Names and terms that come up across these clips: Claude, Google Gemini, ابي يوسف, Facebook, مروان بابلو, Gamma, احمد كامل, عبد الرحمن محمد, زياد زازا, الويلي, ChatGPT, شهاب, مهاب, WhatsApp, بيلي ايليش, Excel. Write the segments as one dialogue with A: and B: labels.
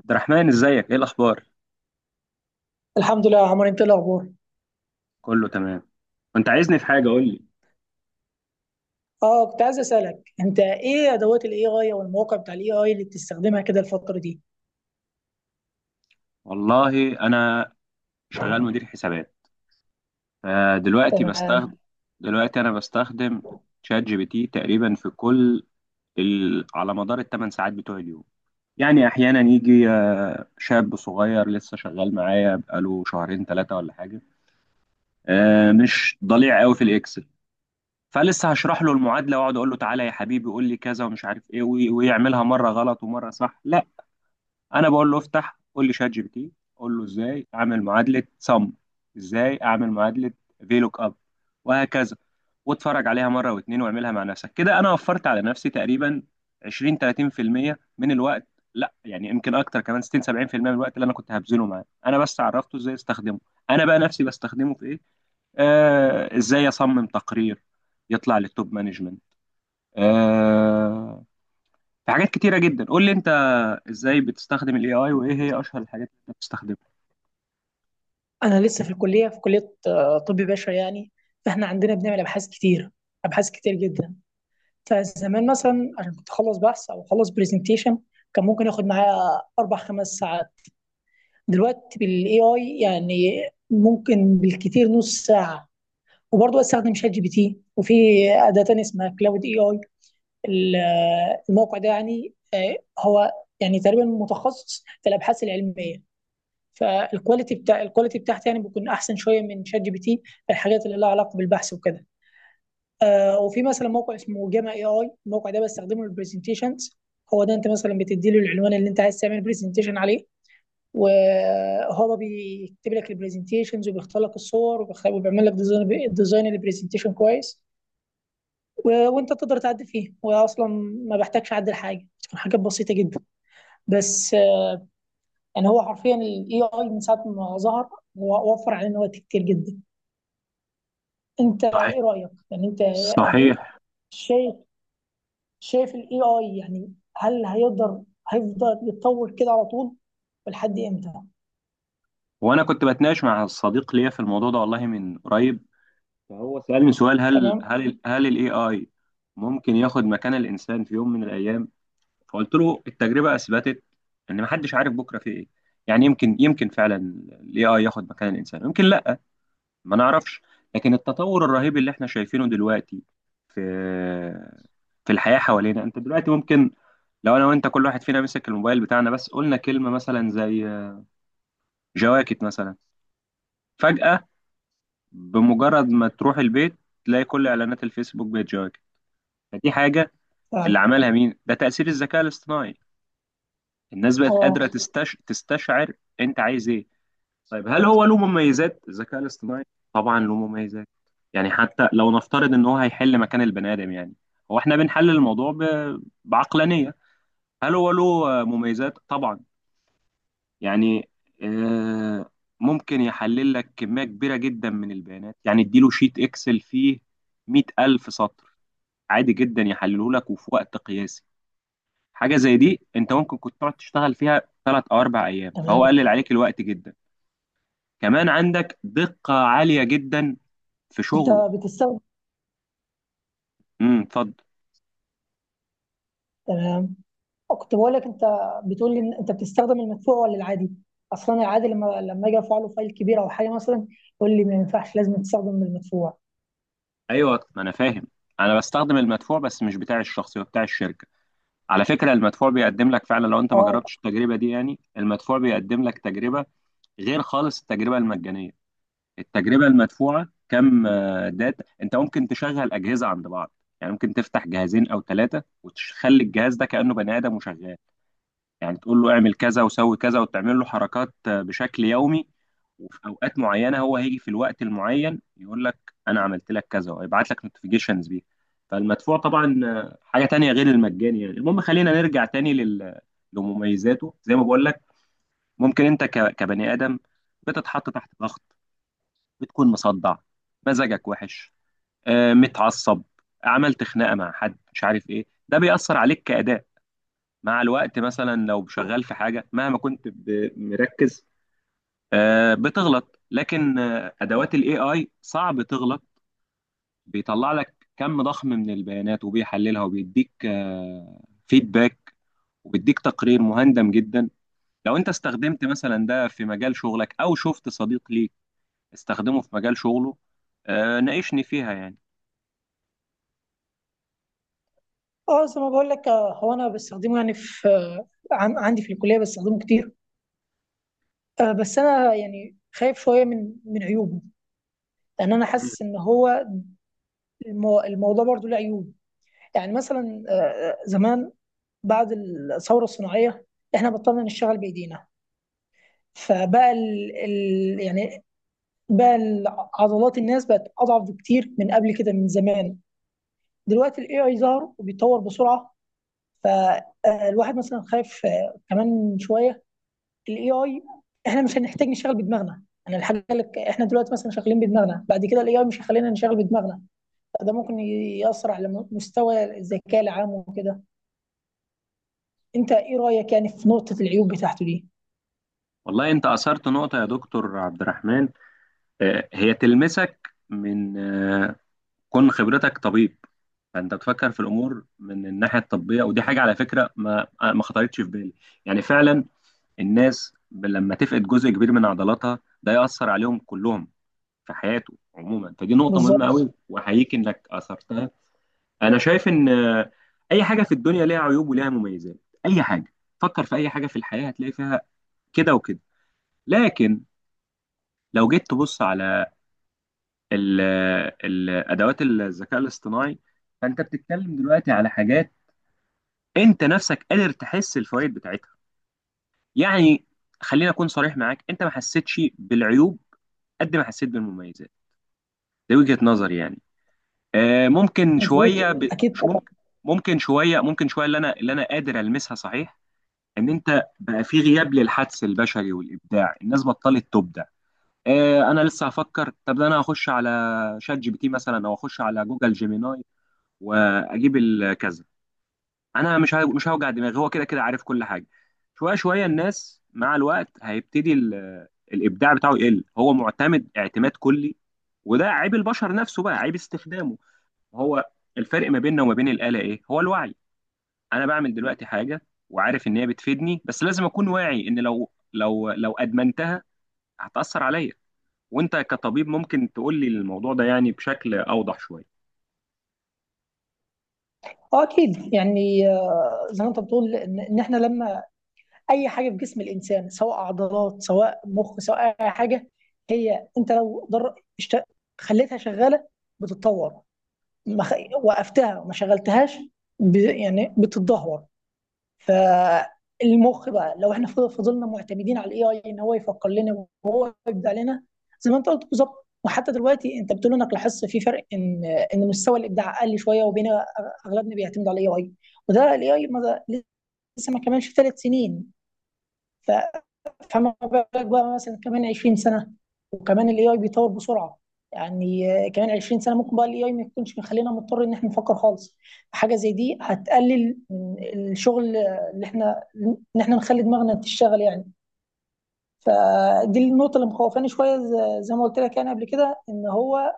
A: عبد الرحمن، ازيك؟ ايه الاخبار؟
B: الحمد لله يا عمر، انت ايه الاخبار؟
A: كله تمام. كنت عايزني في حاجه؟ قول لي.
B: اه كنت عايز اسالك، انت ايه ادوات الاي اي او المواقع بتاع الاي اي اللي بتستخدمها كده الفتره دي؟
A: والله انا شغال مدير حسابات، فدلوقتي بستخدم،
B: تمام.
A: دلوقتي انا بستخدم شات جي بي تي تقريبا في كل على مدار الثمان ساعات بتوع اليوم. يعني احيانا يجي شاب صغير لسه شغال معايا بقاله شهرين ثلاثه ولا حاجه، مش ضليع قوي في الاكسل، فلسه هشرح له المعادله واقعد اقول له تعالى يا حبيبي قول لي كذا ومش عارف ايه ويعملها مره غلط ومره صح. لا، انا بقول له افتح قول لي شات جي بي تي، قول له ازاي اعمل معادله سم، ازاي اعمل معادله في لوك اب وهكذا، واتفرج عليها مره واتنين واعملها مع نفسك كده. انا وفرت على نفسي تقريبا 20 30% من الوقت، لا يعني يمكن اكتر، كمان 60 70% من الوقت اللي انا كنت هبذله معاه. انا بس عرفته ازاي استخدمه. انا بقى نفسي بستخدمه في ايه؟ آه، ازاي اصمم تقرير يطلع للتوب مانجمنت. آه، في حاجات كتيره جدا. قول لي انت، ازاي بتستخدم الاي اي وايه هي اشهر الحاجات اللي انت بتستخدمها؟
B: انا لسه في الكليه، في كليه طب بشري يعني. فاحنا عندنا بنعمل ابحاث كتير، ابحاث كتير جدا. فزمان مثلا عشان كنت اخلص بحث او اخلص برزنتيشن كان ممكن ياخد معايا 4 5 ساعات. دلوقتي بالاي اي يعني ممكن بالكتير نص ساعه. وبرضه استخدم شات جي بي تي، وفي اداه تانية اسمها كلاود اي اي. ال- الموقع ده يعني هو يعني تقريبا متخصص في الابحاث العلميه. فالكواليتي بتاع الكواليتي بتاعته يعني بيكون احسن شويه من شات جي بي تي في الحاجات اللي لها علاقه بالبحث وكده. وفي مثلا موقع اسمه جاما اي اي، الموقع ده بستخدمه للبرزنتيشنز. هو ده انت مثلا بتدي له العنوان اللي انت عايز تعمل برزنتيشن عليه، وهو بيكتب لك البرزنتيشنز وبيختار لك الصور وبيعمل لك ديزاين البرزنتيشن كويس. وانت تقدر تعدي فيه، واصلا ما بحتاجش اعدل حاجه، بتكون حاجات بسيطه جدا. بس يعني هو حرفيا الاي اي من ساعه ما ظهر هو وفر علينا وقت كتير جدا. انت
A: صحيح.
B: ايه رايك يعني؟ انت هل-
A: صحيح.
B: شايف، شايف الاي اي يعني هل هيقدر هيفضل يتطور كده على طول؟ ولحد امتى؟
A: وانا كنت بتناقش مع صديق ليا في الموضوع ده والله من قريب، فهو سألني سؤال: هل
B: تمام.
A: الاي اي ممكن ياخد مكان الانسان في يوم من الايام؟ فقلت له التجربة اثبتت ان محدش عارف بكرة في ايه. يعني يمكن، يمكن فعلا الاي اي ياخد مكان الانسان، يمكن لا، ما نعرفش. لكن التطور الرهيب اللي احنا شايفينه دلوقتي في الحياة حوالينا، انت دلوقتي ممكن، لو انا وانت كل واحد فينا مسك الموبايل بتاعنا بس قلنا كلمة مثلا زي جواكت مثلا، فجأة بمجرد ما تروح البيت تلاقي كل اعلانات الفيسبوك بقت جواكت. فدي حاجة
B: فعلا.
A: اللي عملها مين؟ ده تأثير الذكاء الاصطناعي. الناس بقت
B: اه.
A: قادرة تستشعر انت عايز ايه. طيب هل هو له مميزات الذكاء الاصطناعي؟ طبعا له مميزات. يعني حتى لو نفترض ان هو هيحل مكان البني ادم، يعني هو احنا بنحلل الموضوع بعقلانية. هل هو له مميزات؟ طبعا. يعني آه ممكن يحلل لك كمية كبيرة جدا من البيانات. يعني اديله شيت اكسل فيه 100000 ألف سطر، عادي جدا يحلله لك وفي وقت قياسي. حاجة زي دي انت ممكن كنت تقعد تشتغل فيها ثلاث او اربع ايام، فهو
B: تمام،
A: قلل عليك الوقت جدا. كمان عندك دقة عالية جدا في
B: انت
A: شغله.
B: بتستخدم.
A: اتفضل.
B: تمام، كنت بقول لك، انت بتقول لي ان انت بتستخدم المدفوع ولا العادي؟ اصلا العادي، لما اجي ارفع له فايل كبير او حاجه مثلا، يقول لي ما ينفعش، لازم تستخدم المدفوع.
A: ايوه ما انا فاهم. انا بستخدم المدفوع بس مش بتاع الشخصي، هو بتاع الشركه. على فكره المدفوع بيقدم لك فعلا، لو انت ما
B: اه.
A: جربتش التجربه دي يعني، المدفوع بيقدم لك تجربه غير خالص التجربه المجانيه. التجربه المدفوعه كم داتا، انت ممكن تشغل اجهزه عند بعض، يعني ممكن تفتح جهازين او ثلاثه وتخلي الجهاز ده كانه بني ادم وشغال. يعني تقول له اعمل كذا وسوي كذا وتعمل له حركات بشكل يومي، وفي اوقات معينه هو هيجي في الوقت المعين يقول لك انا عملت لك كذا ويبعت لك نوتيفيكيشنز بيه. فالمدفوع طبعا حاجه تانية غير المجاني. يعني المهم خلينا نرجع تاني لمميزاته. زي ما بقول لك، ممكن انت كبني ادم بتتحط تحت ضغط، بتكون مصدع، مزاجك وحش، متعصب، عملت خناقه مع حد مش عارف ايه، ده بيأثر عليك كأداء. مع الوقت مثلا لو شغال في حاجه، مهما كنت مركز، بتغلط. لكن ادوات الاي اي صعب تغلط، بيطلع لك كم ضخم من البيانات وبيحللها وبيديك فيدباك، وبيديك تقرير مهندم جدا. لو انت استخدمت مثلا ده في مجال شغلك او شفت صديق ليك استخدمه في مجال شغله، ناقشني فيها يعني.
B: اه زي ما بقول لك، هو انا بستخدمه يعني في عندي في الكليه بستخدمه كتير. بس انا يعني خايف شويه من عيوبه، لان انا
A: مم.
B: حاسس ان هو الموضوع برضه له عيوب. يعني مثلا زمان بعد الثوره الصناعيه احنا بطلنا نشتغل بايدينا، فبقى ال يعني، بقى ال- عضلات الناس بقت اضعف بكتير من قبل كده من زمان. دلوقتي الاي اي ظهر وبيتطور بسرعه، فالواحد مثلا خايف كمان شويه الاي اي احنا مش هنحتاج نشتغل بدماغنا. انا الحاجه اللي احنا دلوقتي مثلا شغالين بدماغنا، بعد كده الاي اي مش هيخلينا نشتغل بدماغنا. ده ممكن ياثر على مستوى الذكاء العام وكده. انت ايه رايك يعني في نقطه العيوب بتاعته دي؟
A: والله انت اثرت نقطه يا دكتور عبد الرحمن. هي تلمسك من كون خبرتك طبيب، فانت بتفكر في الامور من الناحيه الطبيه. ودي حاجه على فكره ما خطرتش في بالي. يعني فعلا الناس لما تفقد جزء كبير من عضلاتها ده ياثر عليهم كلهم في حياته عموما. فدي نقطه مهمه
B: بالظبط.
A: قوي واحييك انك اثرتها. انا شايف ان اي حاجه في الدنيا ليها عيوب وليها مميزات. اي حاجه، فكر في اي حاجه في الحياه هتلاقي فيها كده وكده. لكن لو جيت تبص على ال- ادوات الذكاء الاصطناعي، فانت بتتكلم دلوقتي على حاجات انت نفسك قادر تحس الفوائد بتاعتها. يعني خليني اكون صريح معاك، انت ما حسيتش بالعيوب قد ما حسيت بالمميزات. دي وجهة نظري يعني. ممكن
B: مظبوط،
A: شويه ب...
B: اكيد
A: شو
B: طبعا.
A: ممكن، ممكن شويه اللي انا قادر المسها، صحيح، ان انت بقى في غياب للحدس البشري والابداع، الناس بطلت تبدع. آه، انا لسه هفكر، طب ده انا هخش على شات جي بي تي مثلا او اخش على جوجل جيميناي واجيب الكذا. انا مش هوجع دماغي، هو كده كده عارف كل حاجه. شويه شويه الناس مع الوقت هيبتدي الابداع بتاعه يقل، هو معتمد اعتماد كلي. وده عيب البشر نفسه بقى، عيب استخدامه هو. الفرق ما بيننا وما بين الاله ايه؟ هو الوعي. انا بعمل دلوقتي حاجه وعارف ان هي بتفيدني، بس لازم اكون واعي ان لو ادمنتها هتاثر عليا. وانت كطبيب ممكن تقول لي الموضوع ده يعني بشكل اوضح شويه.
B: اه اكيد يعني، زي ما انت بتقول ان احنا لما اي حاجه في جسم الانسان، سواء عضلات سواء مخ سواء اي حاجه، هي انت لو خليتها شغاله بتتطور، ما خ... وقفتها وما شغلتهاش يعني بتتدهور. فالمخ بقى لو احنا فضلنا معتمدين على الاي اي ان هو يفكر لنا وهو يبدع لنا، زي ما انت قلت بالظبط. وحتى دلوقتي انت بتقول انك لاحظت في فرق ان مستوى الابداع قل شويه، وبين اغلبنا بيعتمد على الاي اي، وده الاي اي لسه ما كملش 3 سنين. ف فما بالك بقى مثلا كمان 20 سنه، وكمان الاي اي بيتطور بسرعه. يعني كمان 20 سنه ممكن بقى الاي اي ما يكونش مخلينا مضطر ان احنا نفكر خالص. حاجه زي دي هتقلل من الشغل اللي احنا ان احنا نخلي دماغنا تشتغل يعني. فدي النقطه اللي مخوفاني شويه، زي ما قلت لك يعني قبل كده، ان هو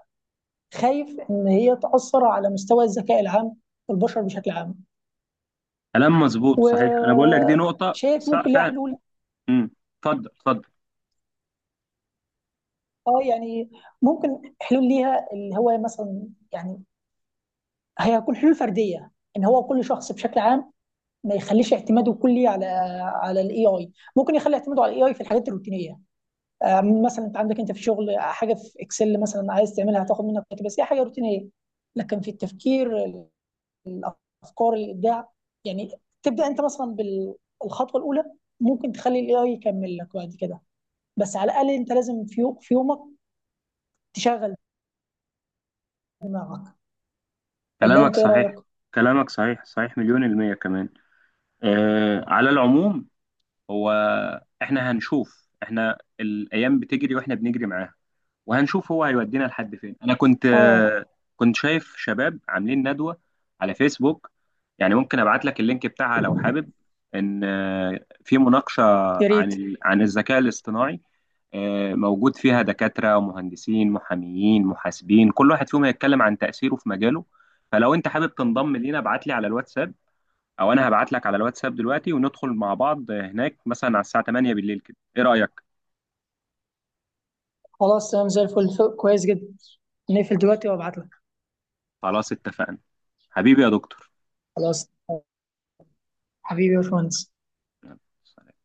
B: خايف ان هي تاثر على مستوى الذكاء العام والبشر بشكل عام.
A: كلام مظبوط، صحيح. انا بقول لك دي نقطه
B: وشايف
A: صح
B: ممكن ليها
A: فعلا.
B: حلول؟
A: امم اتفضل اتفضل.
B: اه يعني ممكن حلول ليها، اللي هو مثلا يعني هي هتكون حلول فرديه، ان هو كل شخص بشكل عام ما يخليش اعتماده كلي على الاي اي. ممكن يخلي اعتماده على الاي اي في الحاجات الروتينيه، مثلا انت عندك انت في شغل حاجه في اكسل مثلا عايز تعملها هتاخد منك وقت، بس هي حاجه روتينيه. لكن في التفكير، الافكار، الابداع، يعني تبدا انت مثلا بالخطوه الاولى، ممكن تخلي الاي اي يكمل لك بعد كده. بس على الاقل انت لازم في في يومك تشغل دماغك. ولا
A: كلامك
B: انت ايه
A: صحيح.
B: رايك؟
A: كلامك صحيح، صحيح مليون المية كمان. على العموم، هو احنا هنشوف. احنا الأيام بتجري واحنا بنجري معاها وهنشوف هو هيودينا لحد فين. انا كنت
B: اه.
A: كنت شايف شباب عاملين ندوة على فيسبوك، يعني ممكن ابعت لك اللينك بتاعها لو حابب، ان في مناقشة
B: يا ريت.
A: عن عن الذكاء الاصطناعي، موجود فيها دكاترة ومهندسين محاميين محاسبين كل واحد فيهم هيتكلم عن تأثيره في مجاله. فلو انت حابب تنضم لينا ابعت لي على الواتساب، او انا هبعت لك على الواتساب دلوقتي وندخل مع بعض هناك مثلا على الساعة 8 بالليل كده. ايه رأيك؟
B: خلاص تمام، زي الفل، كويس جدا. نقفل دلوقتي وابعت لك.
A: خلاص اتفقنا. حبيبي يا دكتور.
B: خلاص. حبيبي يا باشمهندس.
A: يلا، سلام.